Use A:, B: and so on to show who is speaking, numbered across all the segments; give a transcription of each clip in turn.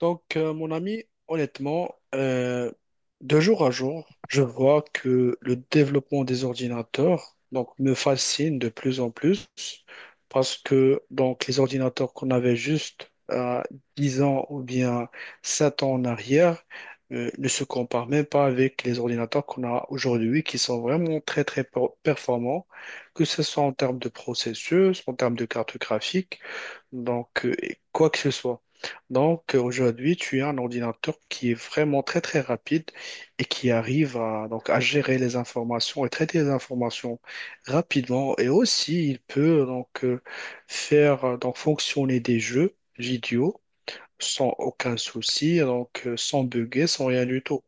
A: Mon ami, honnêtement, euh, de jour à jour, je vois que le développement des ordinateurs donc, me fascine de plus en plus parce que donc, les ordinateurs qu'on avait juste à 10 ans ou bien 7 ans en arrière ne se comparent même pas avec les ordinateurs qu'on a aujourd'hui qui sont vraiment très très performants, que ce soit en termes de processus, en termes de carte graphique et quoi que ce soit. Donc, aujourd'hui, tu as un ordinateur qui est vraiment très très rapide et qui arrive à, donc, à gérer les informations et traiter les informations rapidement. Et aussi, il peut faire donc fonctionner des jeux vidéo sans aucun souci, sans bugger, sans rien du tout.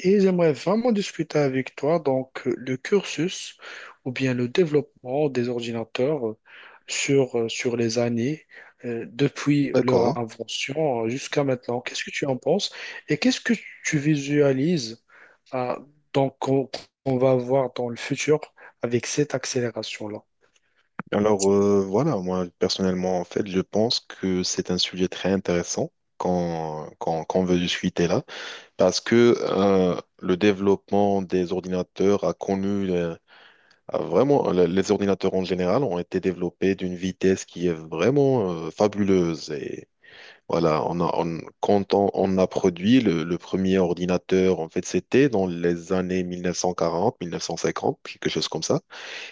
A: Et j'aimerais vraiment discuter avec toi le cursus ou bien le développement des ordinateurs sur, sur les années depuis leur
B: D'accord.
A: invention jusqu'à maintenant. Qu'est-ce que tu en penses et qu'est-ce que tu visualises euh, donc qu'on va voir dans le futur avec cette accélération-là?
B: Voilà, moi personnellement, en fait, je pense que c'est un sujet très intéressant quand on veut discuter là, parce que le développement des ordinateurs a connu, a vraiment, les ordinateurs en général ont été développés d'une vitesse qui est vraiment fabuleuse. Et voilà, quand on a produit le premier ordinateur, en fait, c'était dans les années 1940, 1950, quelque chose comme ça.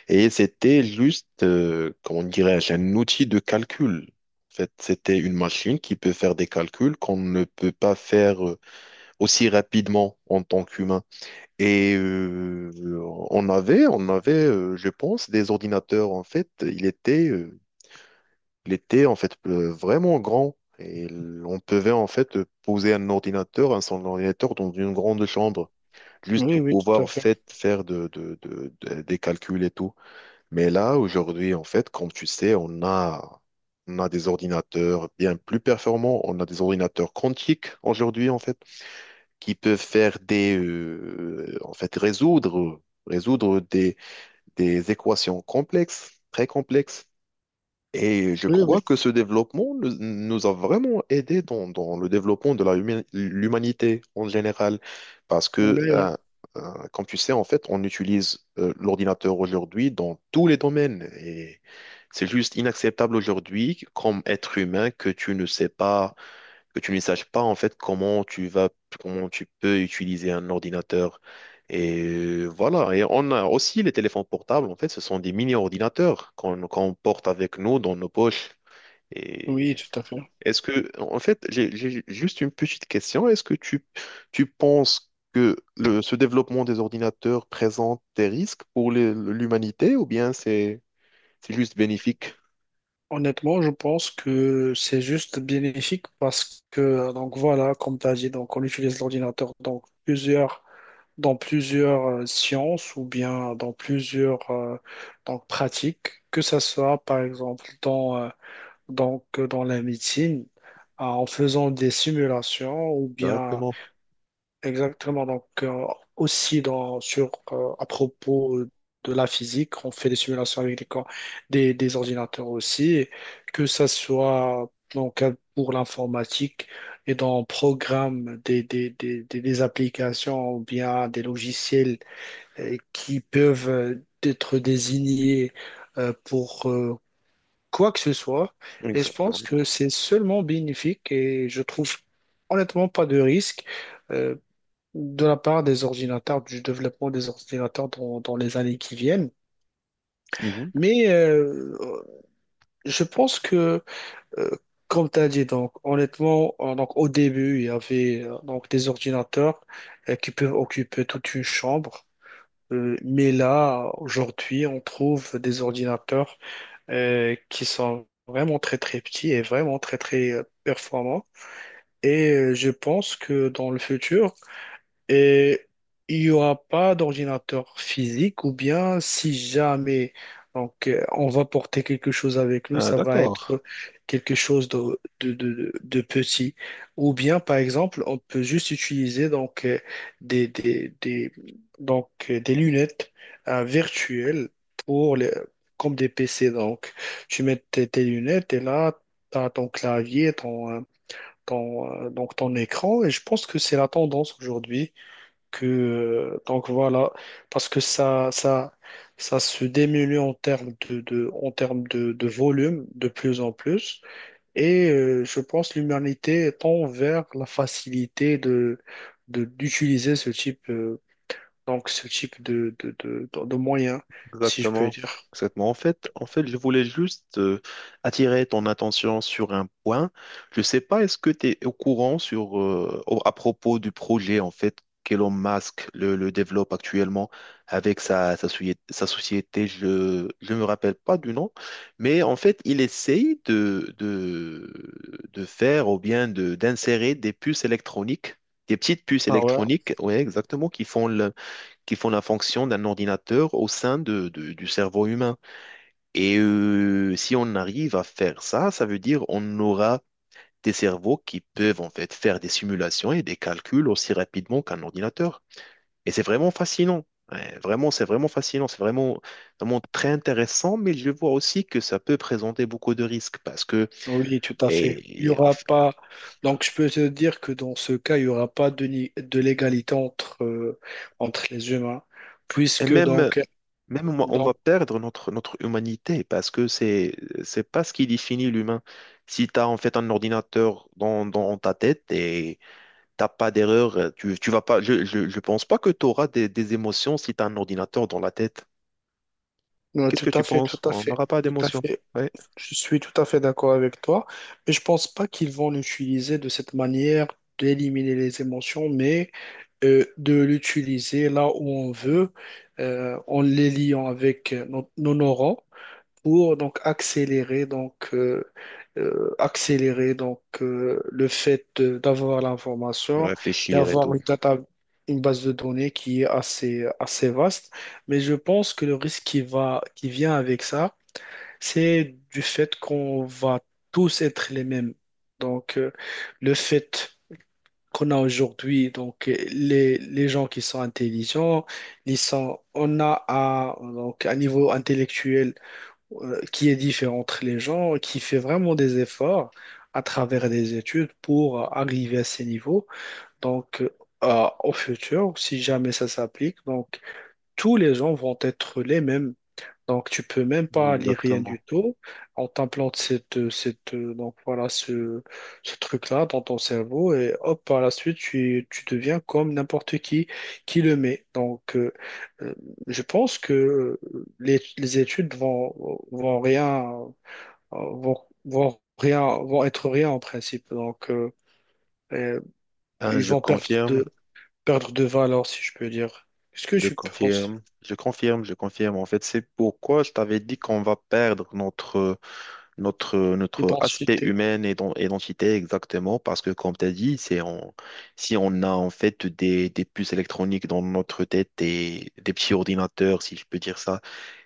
B: Et c'était juste, comment dirais-je, un outil de calcul. En fait, c'était une machine qui peut faire des calculs qu'on ne peut pas faire aussi rapidement en tant qu'humain. Et euh, on avait, je pense, des ordinateurs. En fait, il était en fait vraiment grand. Et on pouvait en fait poser un ordinateur, un son ordinateur dans une grande chambre, juste
A: Oui,
B: pour
A: oui, tout à
B: pouvoir
A: fait.
B: faire des calculs et tout. Mais là, aujourd'hui, en fait, comme tu sais, on a des ordinateurs bien plus performants. On a des ordinateurs quantiques aujourd'hui, en fait, qui peuvent faire résoudre, résoudre des, des équations complexes, très complexes. Et je
A: Oui, oui,
B: crois que ce développement nous a vraiment aidé dans le développement de la l'humanité en général. Parce que,
A: oui, oui,
B: euh, euh, comme tu sais, en fait, on utilise l'ordinateur aujourd'hui dans tous les domaines. Et c'est juste inacceptable aujourd'hui, comme être humain, que tu ne saches pas en fait comment tu peux utiliser un ordinateur. Et voilà. Et on a aussi les téléphones portables, en fait, ce sont des mini-ordinateurs qu'on qu'on porte avec nous dans nos poches.
A: oui,
B: Et
A: tout à fait.
B: est-ce que, en fait, j'ai juste une petite question. Est-ce que tu penses que ce développement des ordinateurs présente des risques pour l'humanité ou bien c'est juste bénéfique?
A: Honnêtement, je pense que c'est juste bénéfique parce que, donc voilà, comme tu as dit, donc on utilise l'ordinateur dans plusieurs, dans plusieurs sciences ou bien dans plusieurs donc, pratiques, que ce soit par exemple dans, donc, dans la médecine, en faisant des simulations ou bien.
B: Exactement.
A: Exactement. Aussi dans, sur, à propos de la physique, on fait des simulations avec des ordinateurs aussi, et que ça soit donc, pour l'informatique et dans le programme des applications ou bien des logiciels qui peuvent être désignés pour quoi que ce soit. Et je pense
B: Exactement.
A: que c'est seulement bénéfique et je trouve honnêtement pas de risque. Euh, de la part des ordinateurs, du développement des ordinateurs dans, dans les années qui viennent.
B: Mhm.
A: Mais je pense que, euh, comme tu as dit, donc, honnêtement, donc, au début, il y avait donc, des ordinateurs qui peuvent occuper toute une chambre. Mais là, aujourd'hui, on trouve des ordinateurs qui sont vraiment très, très petits et vraiment très, très performants. Et je pense que dans le futur, et il n'y aura pas d'ordinateur physique ou bien si jamais donc, on va porter quelque chose avec nous,
B: Ah,
A: ça va
B: d'accord.
A: être quelque chose de petit. Ou bien, par exemple, on peut juste utiliser donc, des, des, des- donc, des lunettes virtuelles pour les, comme des PC. Donc, tu mets tes, tes lunettes et là, tu as ton clavier, ton, ton, donc, ton écran. Et je pense que c'est la tendance aujourd'hui que, donc voilà, parce que ça se diminue en termes de, en termes de volume de plus en plus. Et je pense que l'humanité tend vers la facilité de, d'utiliser ce type, donc ce type de moyens, si je peux
B: Exactement.
A: dire.
B: Exactement. En fait, je voulais juste attirer ton attention sur un point. Je ne sais pas, est-ce que tu es au courant à propos du projet en fait qu'Elon Musk le développe actuellement avec sa société. Je ne me rappelle pas du nom, mais en fait, il essaye de faire ou bien d'insérer des puces électroniques, des petites puces
A: Ah ouais,
B: électroniques, ouais, exactement, qui font la fonction d'un ordinateur au sein du cerveau humain. Et si on arrive à faire ça, ça veut dire on aura des cerveaux qui peuvent en fait faire des simulations et des calculs aussi rapidement qu'un ordinateur. Et c'est vraiment fascinant. Ouais, vraiment, c'est vraiment fascinant. C'est vraiment, vraiment très intéressant, mais je vois aussi que ça peut présenter beaucoup de risques parce que,
A: oui, tout à fait. Il y
B: et en
A: aura
B: f-
A: pas. Donc, je peux te dire que dans ce cas, il y aura pas de, ni- de l'égalité entre, entre les humains,
B: et
A: puisque
B: même,
A: donc.
B: même moi, on va
A: Donc.
B: perdre notre humanité parce que c'est pas ce qui définit l'humain. Si tu as en fait un ordinateur dans ta tête et t'as pas d'erreur, tu vas pas, je pense pas que tu auras des émotions si tu as un ordinateur dans la tête.
A: Non,
B: Qu'est-ce que
A: tout
B: tu
A: à fait,
B: penses?
A: tout à
B: On
A: fait,
B: n'aura pas
A: tout à
B: d'émotions.
A: fait.
B: Ouais.
A: Je suis tout à fait d'accord avec toi, mais je pense pas qu'ils vont l'utiliser de cette manière d'éliminer les émotions, mais de l'utiliser là où on veut, en les liant avec nos, nos neurones pour donc accélérer accélérer le fait d'avoir l'information et
B: Réfléchir et
A: avoir
B: tout.
A: une data, une base de données qui est assez assez vaste, mais je pense que le risque qui va qui vient avec ça, c'est du fait qu'on va tous être les mêmes. donc euh, le fait qu'on a aujourd'hui donc les gens qui sont intelligents, ils sont on a un, donc un niveau intellectuel qui est différent entre les gens, qui fait vraiment des efforts à travers des études pour arriver à ces niveaux. Donc, au futur, si jamais ça s'applique, donc tous les gens vont être les mêmes. Donc, tu peux même pas lire rien
B: Exactement.
A: du tout. On t'implante donc voilà, ce truc-là dans ton cerveau et hop, par la suite, tu deviens comme n'importe qui le met. Donc, euh, je pense que les études vont, vont rien, euh, vont, vont rien, vont être rien en principe. Donc, euh,
B: Hein,
A: ils vont perdre de valeur, si je peux dire. Est-ce que je pense?
B: je confirme. En fait, c'est pourquoi je t'avais dit qu'on va perdre notre aspect
A: Identité.
B: humain et identité exactement, parce que comme tu as dit, si on a en fait des puces électroniques dans notre tête et des petits ordinateurs, si je peux dire ça,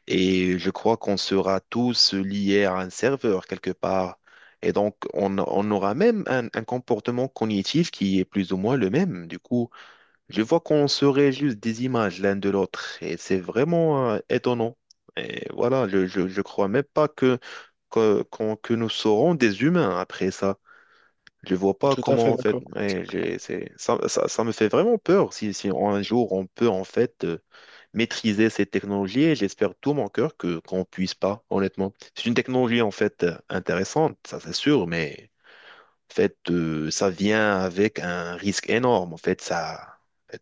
B: et je crois qu'on sera tous liés à un serveur quelque part. Et donc, on aura même un comportement cognitif qui est plus ou moins le même. Du coup, je vois qu'on se réalise des images l'un de l'autre et c'est vraiment étonnant. Et voilà, je crois même pas que nous serons des humains après ça. Je vois pas
A: Tout à
B: comment
A: fait
B: en fait.
A: d'accord.
B: Ouais, ça me fait vraiment peur si, si un jour on peut en fait maîtriser ces technologies et j'espère tout mon cœur que qu'on puisse pas, honnêtement. C'est une technologie en fait intéressante, ça c'est sûr, mais. En fait, ça vient avec un risque énorme, en fait, ça,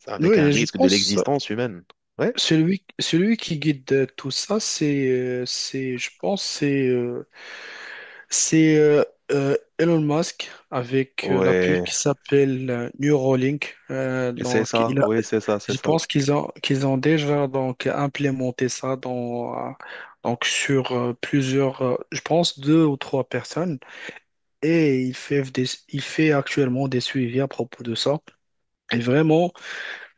B: avec un
A: Oui, je
B: risque de
A: pense.
B: l'existence humaine. Ouais,
A: Celui qui guide tout ça, je pense, c'est Elon Musk avec la puce
B: ouais,
A: qui s'appelle Neuralink. Donc, il a,
B: ouais, c'est ça, c'est
A: je
B: ça.
A: pense qu'ils ont déjà donc implémenté ça dans, donc sur plusieurs, je pense 2 ou 3 personnes, et il fait des, il fait actuellement des suivis à propos de ça. Et vraiment.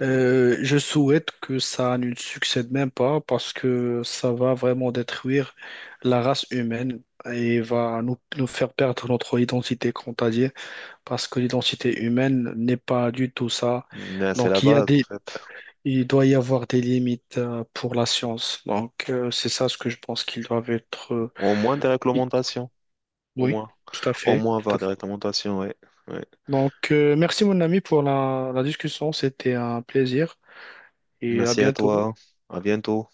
A: Je souhaite que ça ne succède même pas parce que ça va vraiment détruire la race humaine et va nous, nous faire perdre notre identité, comme t'as dit, parce que l'identité humaine n'est pas du tout ça.
B: Mais c'est la
A: Donc il y a
B: base, en
A: des,
B: fait.
A: il doit y avoir des limites pour la science. C'est ça ce que je pense qu'ils doivent être.
B: Au moins des
A: I-
B: réglementations, au
A: Oui,
B: moins.
A: tout à
B: Au
A: fait,
B: moins
A: tout à
B: avoir des
A: fait.
B: réglementations, ouais. Ouais.
A: Donc, merci mon ami pour la discussion, c'était un plaisir et à
B: Merci à
A: bientôt.
B: toi, à bientôt.